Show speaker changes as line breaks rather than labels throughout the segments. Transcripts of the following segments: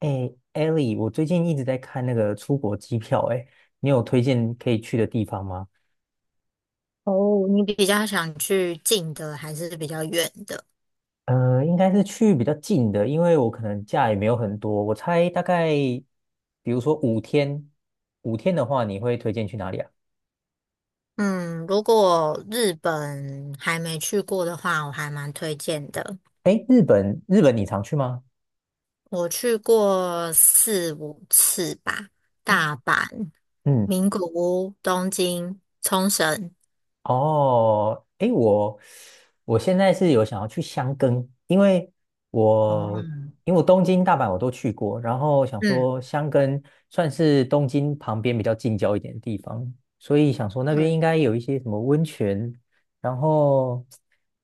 哎，Ellie，我最近一直在看那个出国机票，哎，你有推荐可以去的地方吗？
哦，你比较想去近的还是比较远的？
应该是去比较近的，因为我可能假也没有很多，我猜大概，比如说五天，五天的话，你会推荐去哪里啊？
嗯，如果日本还没去过的话，我还蛮推荐的。
哎，日本，日本你常去吗？
我去过四五次吧，
哎，
大阪、
嗯。
名古屋、东京、冲绳。
哦，诶，我现在是有想要去箱根，因为
哦，
我我东京、大阪我都去过，然后想
嗯
说箱根算是东京旁边比较近郊一点的地方，所以想说那边应
嗯，
该有一些什么温泉，然后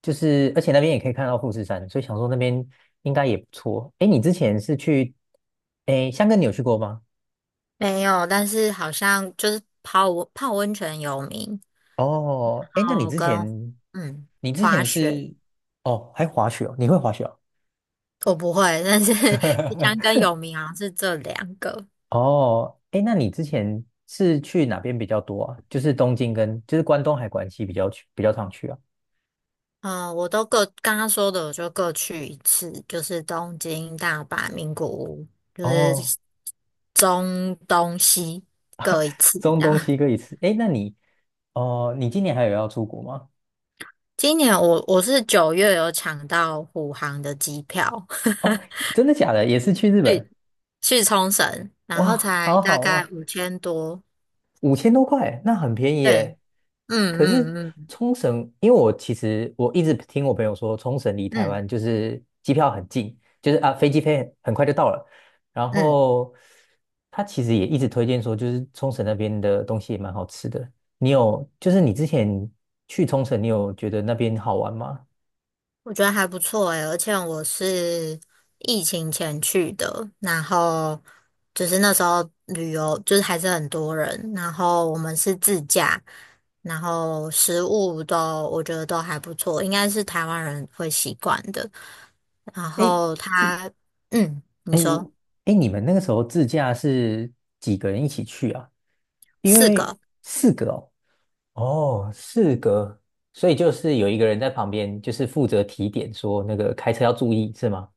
就是而且那边也可以看到富士山，所以想说那边应该也不错。诶，你之前是去，诶，箱根你有去过吗？
没有，但是好像就是泡温泉有名，
哦，
然
哎，那你
后
之
跟
前，
嗯
你之
滑
前
雪
是，哦，还滑雪哦，你会滑雪哦？
我不会，但是 香跟 有名好像是这两个。
哦，哎，那你之前是去哪边比较多啊？就是东京跟，就是关东还关西比较去，比较常去啊？
嗯，我都各刚刚说的，我就各去一次，就是东京、大阪、名古屋，就是
哦，
中东西各一次这
中
样。
东 西各一次。哎，那你，哦，你今年还有要出国吗？
今年我是9月有抢到虎航的机票，
哦，真的假的？也是去日本？
去去冲绳，然后
哇，
才
好
大
好
概
哦。
5000多。
五千多块，那很便宜
对，
耶。哎
嗯
可是
嗯嗯
冲绳，因为我其实我一直听我朋友说，冲绳离台
嗯
湾就是机票很近，就是啊飞机飞很快就到了。然
嗯，
后他其实也一直推荐说，就是冲绳那边的东西也蛮好吃的。你有，就是你之前去冲绳，你有觉得那边好玩吗？
我觉得还不错诶，而且我是疫情前去的，然后就是那时候旅游就是还是很多人，然后我们是自驾，然后食物都我觉得都还不错，应该是台湾人会习惯的。然
哎，
后
自，
他嗯，你说
哎，你们那个时候自驾是几个人一起去啊？因
四
为
个，
四个哦，哦，四格，所以就是有一个人在旁边，就是负责提点说那个开车要注意，是吗？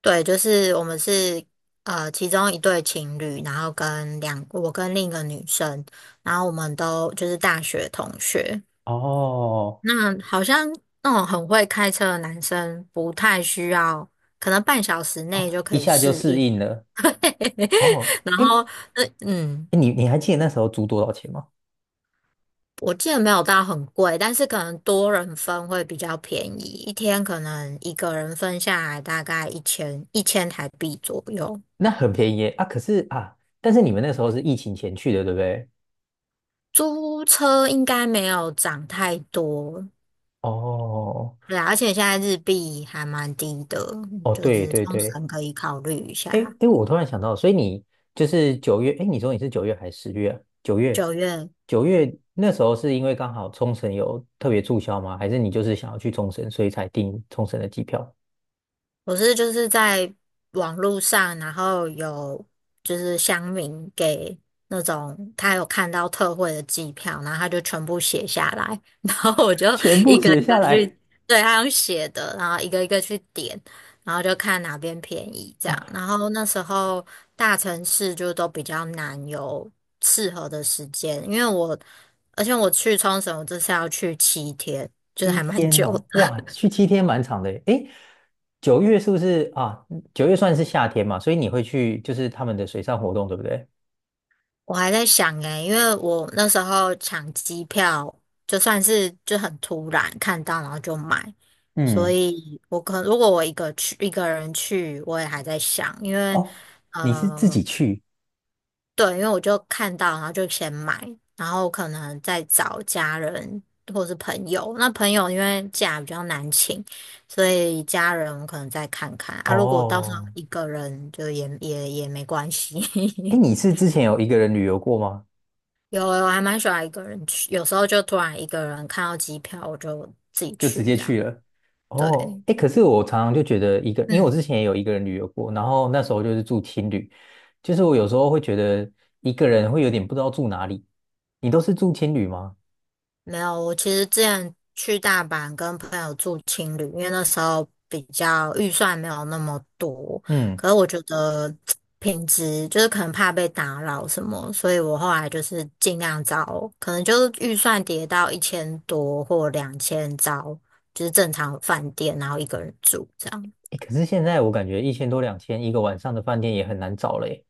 对，就是我们是其中一对情侣，然后我跟另一个女生，然后我们都就是大学同学。
哦，
那好像那种很会开车的男生不太需要，可能半小时
哦，
内就
一
可以
下就
适
适
应。
应了。哦，
然
哎，
后，呃，嗯，
你还记得那时候租多少钱吗？
我记得没有到很贵，但是可能多人分会比较便宜，一天可能一个人分下来大概一千台币左右。
那很便宜耶啊，可是啊，但是你们那时候是疫情前去的，对不对？
租车应该没有涨太多，
哦，
对啊而且现在日币还蛮低的，
哦，
就
对
是
对
冲
对，
绳可以考虑一
哎哎，
下。
诶我突然想到，所以你就是九月，哎，你说你是九月还是10月啊？九月，
九月。
九月那时候是因为刚好冲绳有特别促销吗？还是你就是想要去冲绳，所以才订冲绳的机票？
我是就是在网络上，然后有就是乡民给那种他有看到特惠的机票，然后他就全部写下来，然后我就
全
一
部
个一
写下
个去，
来。
对，他用写的，然后一个一个去点，然后就看哪边便宜这
哦，
样。然后那时候大城市就都比较难有适合的时间，因为我而且我去冲绳，我这次要去7天，就是
七
还蛮
天
久
哦，
的。
哇，去七天蛮长的耶。哎，九月是不是啊？九月算是夏天嘛，所以你会去就是他们的水上活动，对不对？
我还在想诶，因为我那时候抢机票，就算是就很突然看到，然后就买，所
嗯，
以如果我一个人去，我也还在想，因为
哦，你是自己
呃，
去？
对，因为我就看到，然后就先买，然后可能再找家人或是朋友。那朋友因为假比较难请，所以家人我可能再看看啊。如果到时候
哦，
一个人就也没关系。
哎，你 是之前有一个人旅游过吗？
有我还蛮喜欢一个人去，有时候就突然一个人看到机票，我就自己
就直
去
接
这样。
去了。
对，
哦，哎，可是我常常就觉得一个，因为我之
嗯，
前也有一个人旅游过，然后那时候就是住青旅，就是我有时候会觉得一个人会有点不知道住哪里。你都是住青旅吗？
没有，我其实之前去大阪跟朋友住青旅，因为那时候比较预算没有那么多，
嗯，
可是我觉得品质就是可能怕被打扰什么，所以我后来就是尽量找，可能就是预算跌到一千多或两千，找就是正常饭店，然后一个人住这样。
哎，可是现在我感觉一千多两千一个晚上的饭店也很难找了耶，诶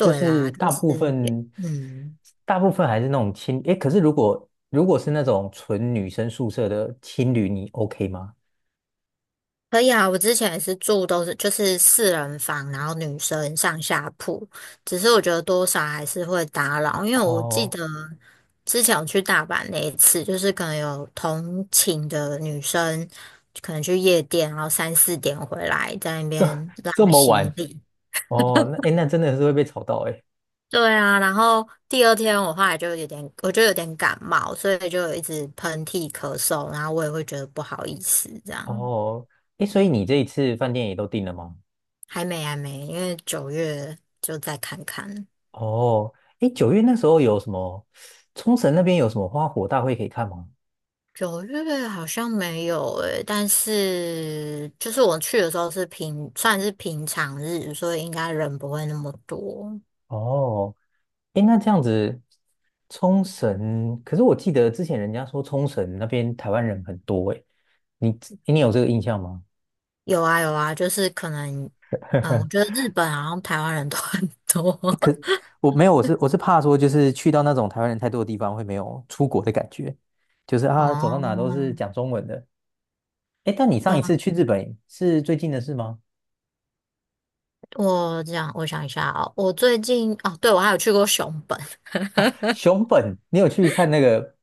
就
啦，
是
就
大
是
部
也
分
嗯。
大部分还是那种青，哎，可是如果是那种纯女生宿舍的青旅，你 OK 吗？
可以啊，我之前也是住都是就是四人房，然后女生上下铺，只是我觉得多少还是会打扰，因为我记
哦，
得之前我去大阪那一次，就是可能有同寝的女生可能去夜店，然后3、4点回来在那边
这
拉
么
行
晚
李。
哦，那哎，诶那真的是会被吵到哎。
对啊，然后第二天我后来就有点，我就有点感冒，所以就一直喷嚏咳嗽，然后我也会觉得不好意思这样。
哦，诶，所以你这一次饭店也都订了吗？
还没还没，因为九月就再看看。
哦，诶，九月那时候有什么？冲绳那边有什么花火大会可以看吗？
九月好像没有诶、但是就是我去的时候是平，算是平常日，所以应该人不会那么多。
哦，诶，那这样子，冲绳，可是我记得之前人家说冲绳那边台湾人很多，诶，你你有这个印象吗？
有啊有啊，就是可能，我觉得 日本好像台湾人都很多。
我没有，我是怕说，就是去到那种台湾人太多的地方，会没有出国的感觉，就是啊，走到
哦，
哪都是讲中文的。诶，但你上一次
嗯，
去日本是最近的事吗？
我这样我想一下哦，我最近哦，对，我还有去过熊本，
哦，熊本，你有去看那个，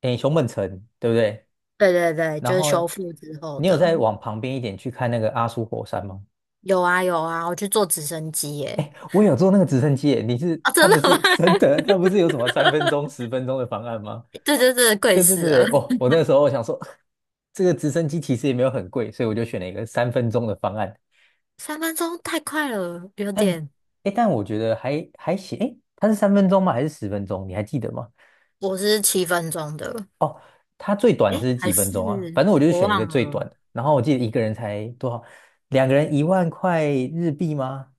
诶，熊本城，对不对？
对对对，
然
就是
后
修复之后
你有
的。
再往旁边一点去看那个阿苏火山吗？
有啊有啊，我去坐直升机耶、
我有坐那个直升机耶，你是，
啊，
它
真的
不是
吗？
真的，它不是 有什么三分钟、十分钟的方案吗？
对对对，贵
对对
死
对
了！
对，哦，我那个时候我想说，这个直升机其实也没有很贵，所以我就选了一个三分钟的方案。
3分钟太快了，有
但，
点。
诶，但我觉得还行，诶，它是三分钟吗？还是十分钟？你还记得吗？
我是7分钟的，
哦，它最短
哎，
是
还
几分
是
钟啊？反正我就是
我
选一个
忘
最
了。
短的。然后我记得一个人才多少，两个人1万块日币吗？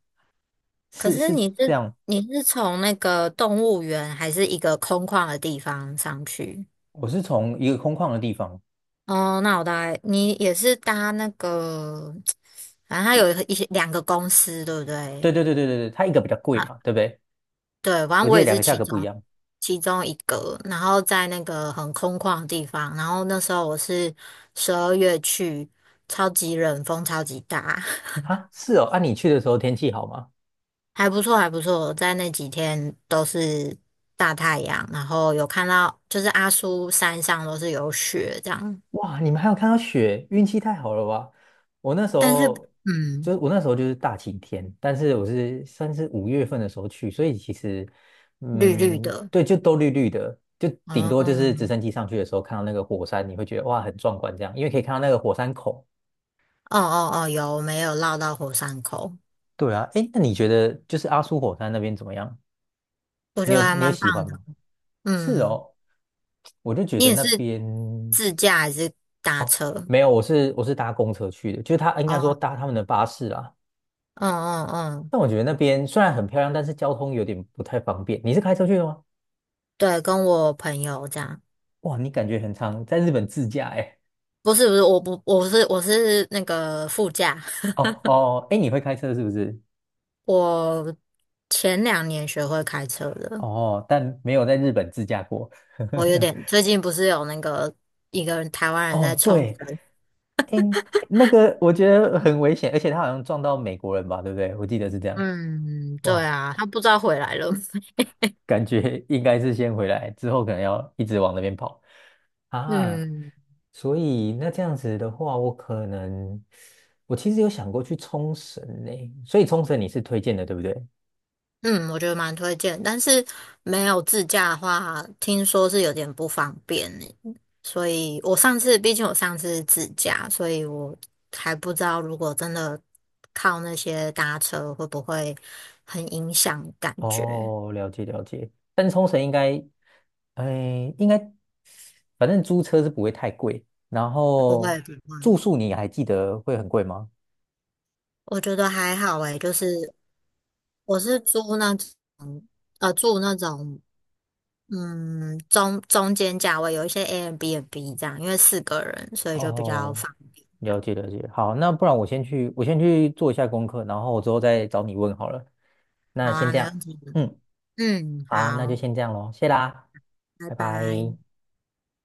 可
是
是
是
你
这
是
样，
你是从那个动物园还是一个空旷的地方上去？
我是从一个空旷的地方，
哦，那我大概你也是搭那个，反正它
就
有一些两个公司，对不
对
对？
对对对对对，它一个比较贵
啊。
嘛，对不对？
对，反正
我记
我
得
也
两
是
个价
其
格
中
不一样
其中一个，然后在那个很空旷的地方，然后那时候我是12月去，超级冷，风超级大，
啊。是哦，啊，你去的时候天气好吗？
还不错还不错，在那几天都是大太阳，然后有看到就是阿苏山上都是有雪这样，
哇，你们还有看到雪，运气太好了吧！我那时
但是
候就
嗯，
是我那时候就是大晴天，但是我是算是5月份的时候去，所以其实
绿绿
嗯，
的，
对，就都绿绿的，就
哦
顶多就是直
哦
升机上去的时候看到那个火山，你会觉得哇很壮观这样，因为可以看到那个火山口。
哦哦，有，没有绕到火山口，
对啊，哎，那你觉得就是阿苏火山那边怎么样？
我
你
觉
有
得还
你有
蛮棒
喜欢
的，
吗？是
嗯。
哦，我就觉
你
得
也
那
是
边
自驾还是搭
哦，
车？
没有，我是搭公车去的，就是他应该说
哦，
搭他们的巴士啦。
嗯嗯嗯，
但我觉得那边虽然很漂亮，但是交通有点不太方便。你是开车去的吗？
对，跟我朋友这样。
哇，你感觉很常在日本自驾哎。
不是不是，我不我是我是那个副驾。
哦哦，哎，你会开车是不是？
我前2年学会开车的，
哦，但没有在日本自驾过。
我有 点最近不是有那个一个人台湾人
哦，
在冲
对，
绳，
哎，那个我觉得很危险，而且他好像撞到美国人吧，对不对？我记得是这样。
嗯，对
哇，
啊，他不知道回来了，
感觉应该是先回来，之后可能要一直往那边跑。啊，
嗯。
所以那这样子的话，我可能我其实有想过去冲绳呢，所以冲绳你是推荐的，对不对？
嗯，我觉得蛮推荐，但是没有自驾的话，听说是有点不方便呢。所以我上次，毕竟我上次是自驾，所以我还不知道如果真的靠那些搭车会不会很影响感觉。
哦，了解了解，但是冲绳应该，哎，应该反正租车是不会太贵，然后住宿你还记得会很贵吗？
我觉得还好诶，就是我是租那种住那种中间价位，有一些 Airbnb 这样，因为四个人，所以就比较
哦，
方便。
了解了解，好，那不然我先去做一下功课，然后我之后再找你问好了。那
好
先
啊，
这
没
样，
问题。
嗯，
嗯，
好，那就
好。
先这样咯，谢啦，
拜
拜拜。
拜。